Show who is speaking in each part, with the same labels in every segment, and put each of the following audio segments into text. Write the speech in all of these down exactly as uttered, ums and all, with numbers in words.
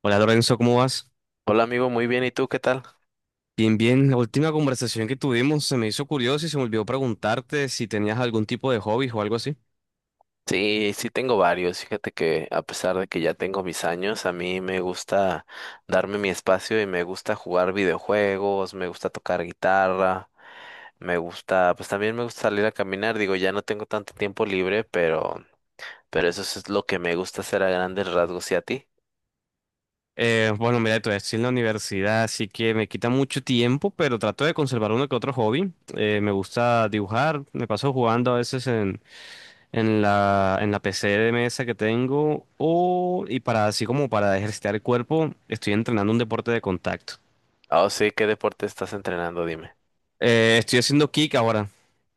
Speaker 1: Hola Lorenzo, ¿cómo vas?
Speaker 2: Hola amigo, muy bien, ¿y tú qué tal?
Speaker 1: Bien, bien. La última conversación que tuvimos se me hizo curioso y se me olvidó preguntarte si tenías algún tipo de hobby o algo así.
Speaker 2: Sí, sí tengo varios. Fíjate que a pesar de que ya tengo mis años, a mí me gusta darme mi espacio y me gusta jugar videojuegos, me gusta tocar guitarra, me gusta, pues también me gusta salir a caminar. Digo, ya no tengo tanto tiempo libre, pero, pero eso es lo que me gusta hacer a grandes rasgos. ¿Y a ti?
Speaker 1: Eh, bueno, mira, todavía estoy en la universidad, así que me quita mucho tiempo, pero trato de conservar uno que otro hobby. Eh, me gusta dibujar, me paso jugando a veces en, en la, en la P C de mesa que tengo, o, y para así como para ejercitar el cuerpo, estoy entrenando un deporte de contacto.
Speaker 2: Oh, sí, ¿qué deporte estás entrenando? Dime.
Speaker 1: Eh, estoy haciendo kick ahora.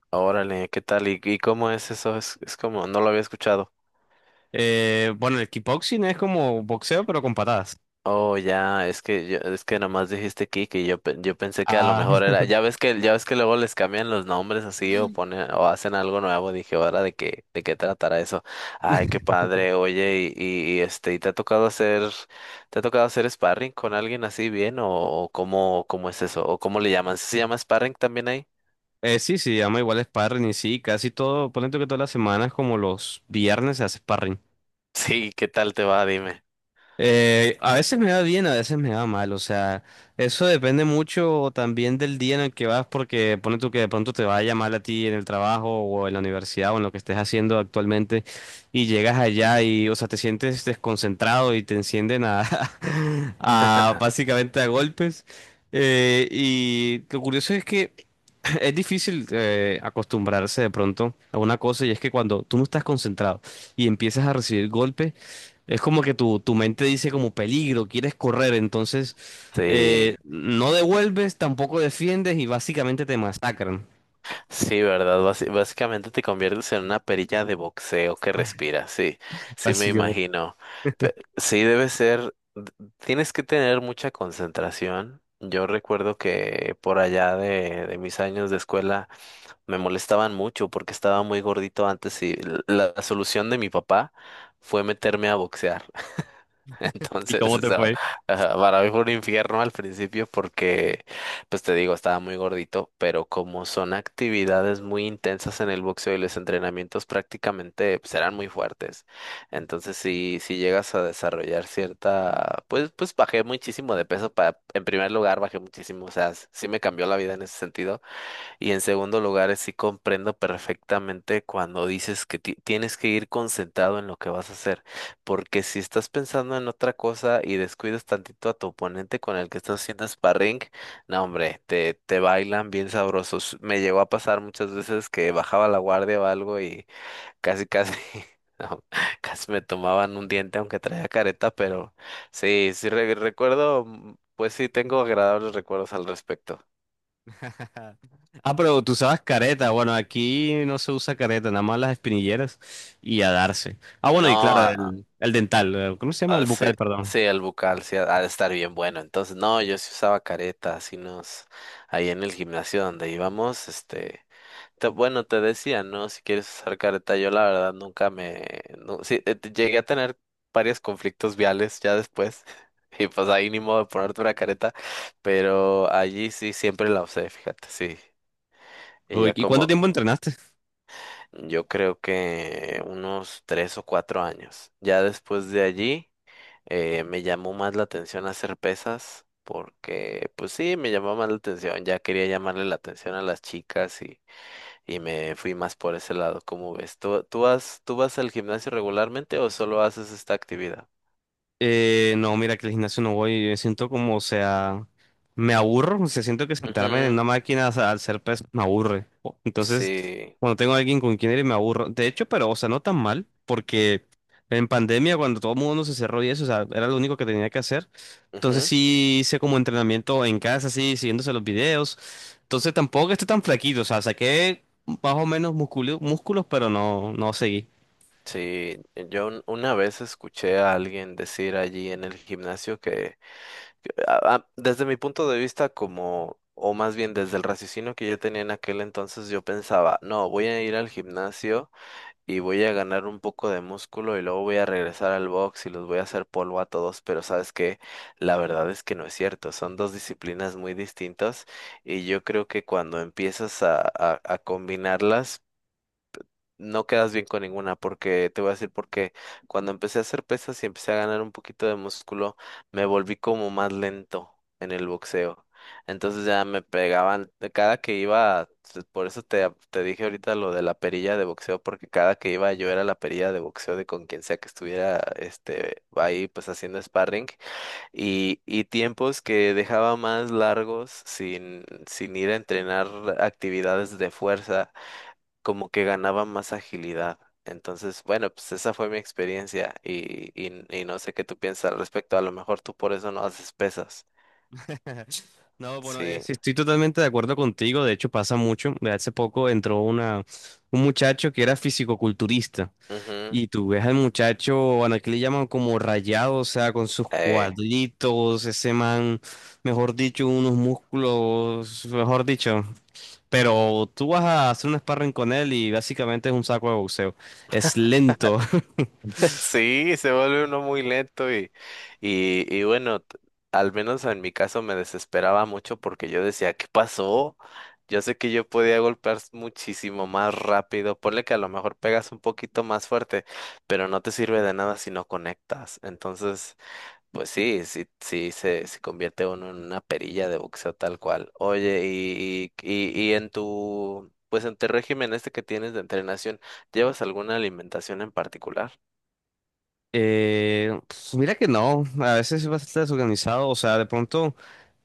Speaker 2: Órale, ¿qué tal? ¿Y, y cómo es eso? Es, es como, no lo había escuchado.
Speaker 1: Eh, bueno, el kickboxing es como boxeo, pero con patadas.
Speaker 2: Oh, ya, es que yo- es que nomás dijiste Kike y yo pe- yo pensé que a lo
Speaker 1: Ah,
Speaker 2: mejor era, ya ves que ya ves que luego les cambian los nombres así o ponen o hacen algo nuevo, dije, ahora de qué de qué tratará eso. Ay, qué padre. Oye, y, y, y, este, ¿y te ha tocado hacer te ha tocado hacer sparring con alguien así bien o, o cómo cómo es eso o cómo le llaman? ¿Sí? ¿Se llama sparring también ahí?
Speaker 1: eh, sí, sí, llama igual sparring y sí, casi todo, ponente que todas las semanas, como los viernes se hace sparring.
Speaker 2: Sí, ¿qué tal te va? Dime.
Speaker 1: Eh, a veces me va bien, a veces me va mal, o sea, eso depende mucho también del día en el que vas, porque pone tú que de pronto te vaya mal a ti en el trabajo o en la universidad o en lo que estés haciendo actualmente y llegas allá y, o sea, te sientes desconcentrado y te encienden a, a básicamente a golpes. Eh, y lo curioso es que es difícil eh, acostumbrarse de pronto a una cosa y es que cuando tú no estás concentrado y empiezas a recibir golpes, es como que tu, tu mente dice como peligro, quieres correr, entonces
Speaker 2: Sí.
Speaker 1: eh, no devuelves, tampoco defiendes y básicamente te masacran.
Speaker 2: Sí, ¿verdad? Basi- básicamente te conviertes en una perilla de boxeo que respira, sí, sí me
Speaker 1: Básicamente.
Speaker 2: imagino. Pe- sí, debe ser, d- tienes que tener mucha concentración. Yo recuerdo que por allá de, de mis años de escuela me molestaban mucho porque estaba muy gordito antes y l- la solución de mi papá fue meterme a boxear.
Speaker 1: ¿Y
Speaker 2: Entonces,
Speaker 1: cómo te
Speaker 2: eso,
Speaker 1: fue?
Speaker 2: ajá, para mí fue un infierno al principio porque, pues te digo, estaba muy gordito, pero como son actividades muy intensas en el boxeo y los entrenamientos prácticamente pues, eran muy fuertes. Entonces, si, si llegas a desarrollar cierta, pues, pues bajé muchísimo de peso para, en primer lugar, bajé muchísimo, o sea, s- sí me cambió la vida en ese sentido. Y en segundo lugar, sí comprendo perfectamente cuando dices que ti- tienes que ir concentrado en lo que vas a hacer, porque si estás pensando en otra cosa y descuidas tantito a tu oponente con el que estás haciendo sparring, no hombre, te, te bailan bien sabrosos. Me llegó a pasar muchas veces que bajaba la guardia o algo y casi, casi, no, casi me tomaban un diente aunque traía careta, pero sí, sí re- recuerdo, mm, pues sí, tengo agradables recuerdos al respecto.
Speaker 1: Ah, pero tú usabas careta. Bueno, aquí no se usa careta, nada más las espinilleras y a darse. Ah, bueno, y claro,
Speaker 2: No,
Speaker 1: el, el dental. eh, ¿Cómo se llama? El
Speaker 2: ah, sí,
Speaker 1: bucal, perdón.
Speaker 2: sí, el bucal, sí, ha ha de estar bien bueno. Entonces, no, yo sí usaba careta, así nos, ahí en el gimnasio donde íbamos, este, te- bueno, te decía, ¿no? Si quieres usar careta, yo la verdad nunca me, no, sí, eh, te- llegué a tener varios conflictos viales ya después, y pues ahí ni modo de ponerte una careta, pero allí sí siempre la usé, fíjate, sí. Y
Speaker 1: Uy,
Speaker 2: ya
Speaker 1: ¿y cuánto
Speaker 2: como,
Speaker 1: tiempo entrenaste?
Speaker 2: yo creo que unos tres o cuatro años. Ya después de allí. Eh, me llamó más la atención hacer pesas porque, pues sí, me llamó más la atención. Ya quería llamarle la atención a las chicas y, y me fui más por ese lado. ¿Cómo ves? ¿Tú, tú vas, tú vas al gimnasio regularmente o solo haces esta actividad?
Speaker 1: Eh, no, mira que el gimnasio no voy, yo siento como, o sea, me aburro, o sea, siento que sentarme en
Speaker 2: Ujú,
Speaker 1: una máquina o sea, al ser pez me aburre. O- Entonces,
Speaker 2: sí,
Speaker 1: cuando tengo a alguien con quien ir me aburro. De hecho, pero, o sea, no tan mal, porque en pandemia cuando todo el mundo se cerró y eso, o sea, era lo único que tenía que hacer. Entonces
Speaker 2: ujú,
Speaker 1: sí hice como entrenamiento en casa, así, siguiéndose los videos. Entonces tampoco estoy tan flaquito, o sea, saqué más o menos músculo- músculos, pero no, no seguí.
Speaker 2: sí. Yo un- una vez escuché a alguien decir allí en el gimnasio que, que, a- a- desde mi punto de vista, como, o más bien desde el raciocinio que yo tenía en aquel entonces, yo pensaba, no, voy a ir al gimnasio y voy a ganar un poco de músculo y luego voy a regresar al box y los voy a hacer polvo a todos, pero sabes que la verdad es que no es cierto, son dos disciplinas muy distintas y yo creo que cuando empiezas a, a, a combinarlas, no quedas bien con ninguna, porque te voy a decir porque cuando empecé a hacer pesas y empecé a ganar un poquito de músculo, me volví como más lento en el boxeo. Entonces ya me pegaban, de cada que iba, t- por eso te, te dije ahorita lo de la perilla de boxeo, porque cada que iba yo era la perilla de boxeo de con quien sea que estuviera este ahí pues haciendo sparring y, y tiempos que dejaba más largos sin, sin ir a entrenar actividades de fuerza como que ganaba más agilidad. Entonces, bueno, pues esa fue mi experiencia y, y, y no sé qué tú piensas al respecto. A lo mejor tú por eso no haces pesas.
Speaker 1: No, bueno, eh,
Speaker 2: Sí.
Speaker 1: sí, estoy totalmente de acuerdo contigo. De hecho, pasa mucho. De Hace poco entró una, un muchacho que era fisicoculturista.
Speaker 2: Ujú,
Speaker 1: Y tú ves al muchacho, bueno, aquí le llaman como rayado, o sea, con sus
Speaker 2: eh,
Speaker 1: cuadritos, ese man, mejor dicho, unos músculos, mejor dicho. Pero tú vas a hacer un sparring con él y básicamente es un saco de boxeo. Es lento.
Speaker 2: sí, se vuelve uno muy lento y, y, y bueno, t- al menos en mi caso me desesperaba mucho porque yo decía, ¿qué pasó? Yo sé que yo podía golpear s- muchísimo más rápido. Ponle que a lo mejor pegas un poquito más fuerte, pero no te sirve de nada si no conectas. Entonces. Pues sí, sí, sí se, se convierte uno en una perilla de boxeo tal cual. Oye, y, y, y en tu, pues en tu régimen este que tienes de entrenación, ¿llevas alguna alimentación en particular?
Speaker 1: Eh, pues, mira que no, a veces es bastante desorganizado, o sea, de pronto,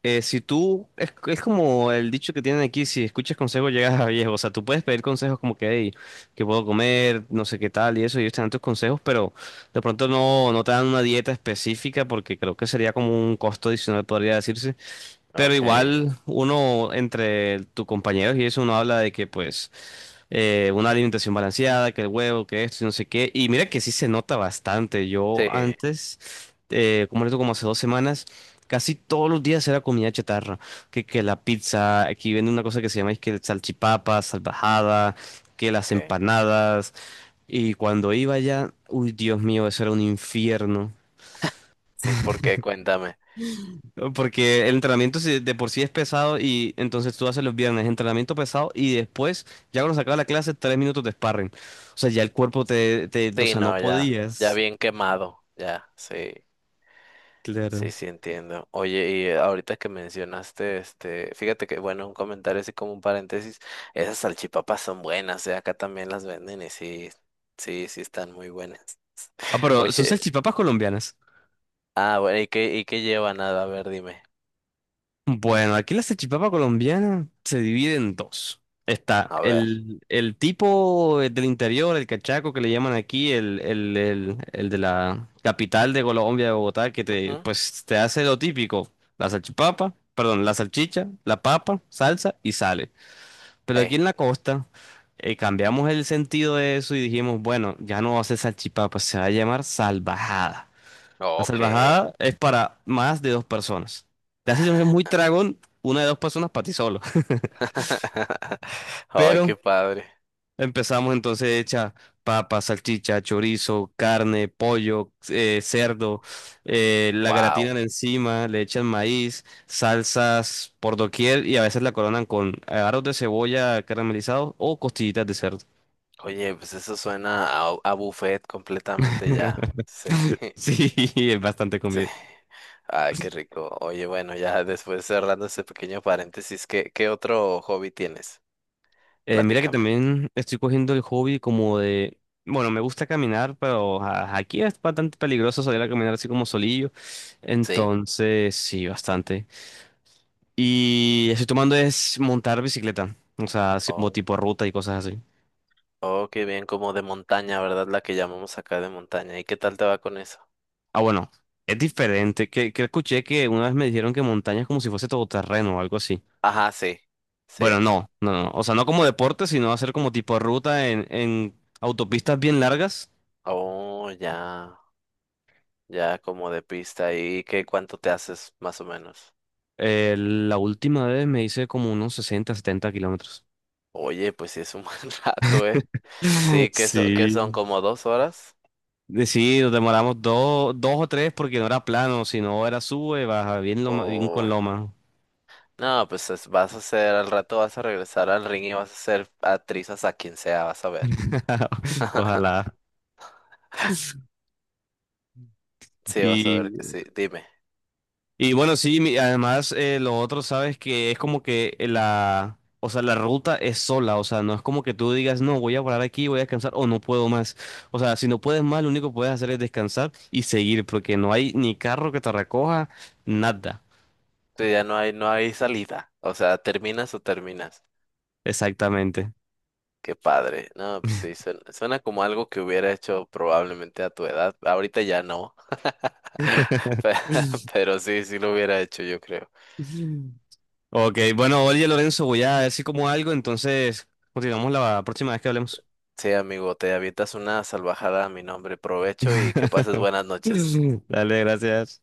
Speaker 1: eh, si tú, es, es como el dicho que tienen aquí, si escuchas consejos llegas a viejo, o sea, tú puedes pedir consejos como que, hey, que puedo comer, no sé qué tal y eso, y ellos te dan tus consejos, pero de pronto no, no te dan una dieta específica porque creo que sería como un costo adicional, podría decirse. Pero
Speaker 2: Okay,
Speaker 1: igual uno entre tus compañeros y eso uno habla de que pues eh, una alimentación balanceada, que el huevo, que esto y no sé qué. Y mira que sí se nota bastante. Yo
Speaker 2: sí,
Speaker 1: antes, eh, como esto como hace dos semanas, casi todos los días era comida chatarra. Que, que la pizza, aquí vende una cosa que se llama es que el salchipapa, salvajada, que las
Speaker 2: okay,
Speaker 1: empanadas. Y cuando iba allá, uy Dios mío, eso era un infierno.
Speaker 2: sí, porque cuéntame.
Speaker 1: ¿No? Porque el entrenamiento sí- de por sí es pesado y entonces tú haces los viernes entrenamiento pesado y después, ya cuando se acaba la clase, tres minutos de sparring. O sea, ya el cuerpo te, te, o
Speaker 2: Sí,
Speaker 1: sea, no
Speaker 2: no, ya, ya
Speaker 1: podías.
Speaker 2: bien quemado, ya, sí. Sí,
Speaker 1: Claro.
Speaker 2: sí, entiendo. Oye, y eh, ahorita que mencionaste, este, fíjate que, bueno, un comentario así como un paréntesis, esas salchipapas son buenas, eh, acá también las venden y sí, sí, sí están muy buenas.
Speaker 1: Ah, pero son
Speaker 2: Oye,
Speaker 1: salchipapas colombianas.
Speaker 2: ah, bueno, ¿y qué, y qué lleva nada? A ver, dime.
Speaker 1: Bueno, aquí la salchipapa colombiana se divide en dos. Está
Speaker 2: A ver.
Speaker 1: el, el tipo del interior, el cachaco que le llaman aquí, el, el, el, el de la capital de Colombia, de Bogotá, que te,
Speaker 2: Ujú.
Speaker 1: pues, te hace lo típico, la salchipapa, perdón, la salchicha, la papa, salsa y sale. Pero aquí
Speaker 2: Ey,
Speaker 1: en la costa eh, cambiamos el sentido de eso y dijimos, bueno, ya no va a ser salchipapa, se va a llamar salvajada. La
Speaker 2: ok.
Speaker 1: salvajada es para más de dos personas. La situación es muy tragón, una de dos personas para ti solo.
Speaker 2: Ay,
Speaker 1: Pero
Speaker 2: qué padre.
Speaker 1: empezamos entonces hecha papa, salchicha, chorizo, carne, pollo, eh, cerdo, eh, la
Speaker 2: Wow.
Speaker 1: gratinan encima, le echan maíz, salsas por doquier y a veces la coronan con aros de cebolla caramelizados o costillitas de cerdo.
Speaker 2: Oye, pues eso suena a, a buffet completamente ya. Sí.
Speaker 1: Sí, es bastante
Speaker 2: Sí.
Speaker 1: comida.
Speaker 2: Ay, qué rico. Oye, bueno, ya después cerrando ese pequeño paréntesis, ¿qué, qué otro hobby tienes?
Speaker 1: Eh, mira que
Speaker 2: Platícame.
Speaker 1: también estoy cogiendo el hobby como de, bueno, me gusta caminar, pero a- aquí es bastante peligroso salir a caminar así como solillo.
Speaker 2: ¿Sí?
Speaker 1: Entonces, sí, bastante. Y estoy tomando es montar bicicleta, o sea, así como
Speaker 2: Oh,
Speaker 1: tipo ruta y cosas así.
Speaker 2: oh, qué bien, como de montaña, ¿verdad? La que llamamos acá de montaña. ¿Y qué tal te va con eso?
Speaker 1: Ah, bueno, es diferente. Que, que escuché que una vez me dijeron que montaña es como si fuese todoterreno o algo así.
Speaker 2: Ajá, sí, sí.
Speaker 1: Bueno, no, no, no. O sea, no como deporte, sino hacer como tipo ruta en, en autopistas bien largas.
Speaker 2: Oh, ya, ya como de pista. ¿Y qué cuánto te haces más o menos?
Speaker 1: Eh, la última vez me hice como unos sesenta setenta kilómetros.
Speaker 2: Oye, pues sí es un buen rato, ¿eh? Sí, que son, que son
Speaker 1: Sí.
Speaker 2: como dos horas.
Speaker 1: Eh, Sí, nos demoramos dos, dos o tres porque no era plano, sino era sube, baja, bien, loma- bien con
Speaker 2: Oh.
Speaker 1: loma.
Speaker 2: No, pues es- vas a hacer, al rato vas a regresar al ring y vas a ser actriz hasta quien sea, vas a ver.
Speaker 1: Ojalá.
Speaker 2: Sí, vas a
Speaker 1: Y
Speaker 2: ver que sí. Dime,
Speaker 1: Y bueno, sí, mi- además eh, lo otro, sabes que es como que la, o sea, la ruta es sola, o sea, no es como que tú digas, no, voy a parar aquí, voy a descansar o no puedo más. O sea, si no puedes más, lo único que puedes hacer es descansar y seguir, porque no hay ni carro que te recoja, nada.
Speaker 2: tú ya no hay, no hay salida. O sea, terminas o terminas.
Speaker 1: Exactamente.
Speaker 2: Qué padre. No, pues sí, suena, suena como algo que hubiera hecho probablemente a tu edad. Ahorita ya no. Pe- Pero sí, sí lo hubiera hecho, yo creo.
Speaker 1: Ok, bueno, oye Lorenzo, voy a ver si como algo, entonces continuamos la próxima vez que hablemos.
Speaker 2: Sí, amigo, te avientas una salvajada a mi nombre. Provecho y que pases buenas noches.
Speaker 1: Dale, gracias.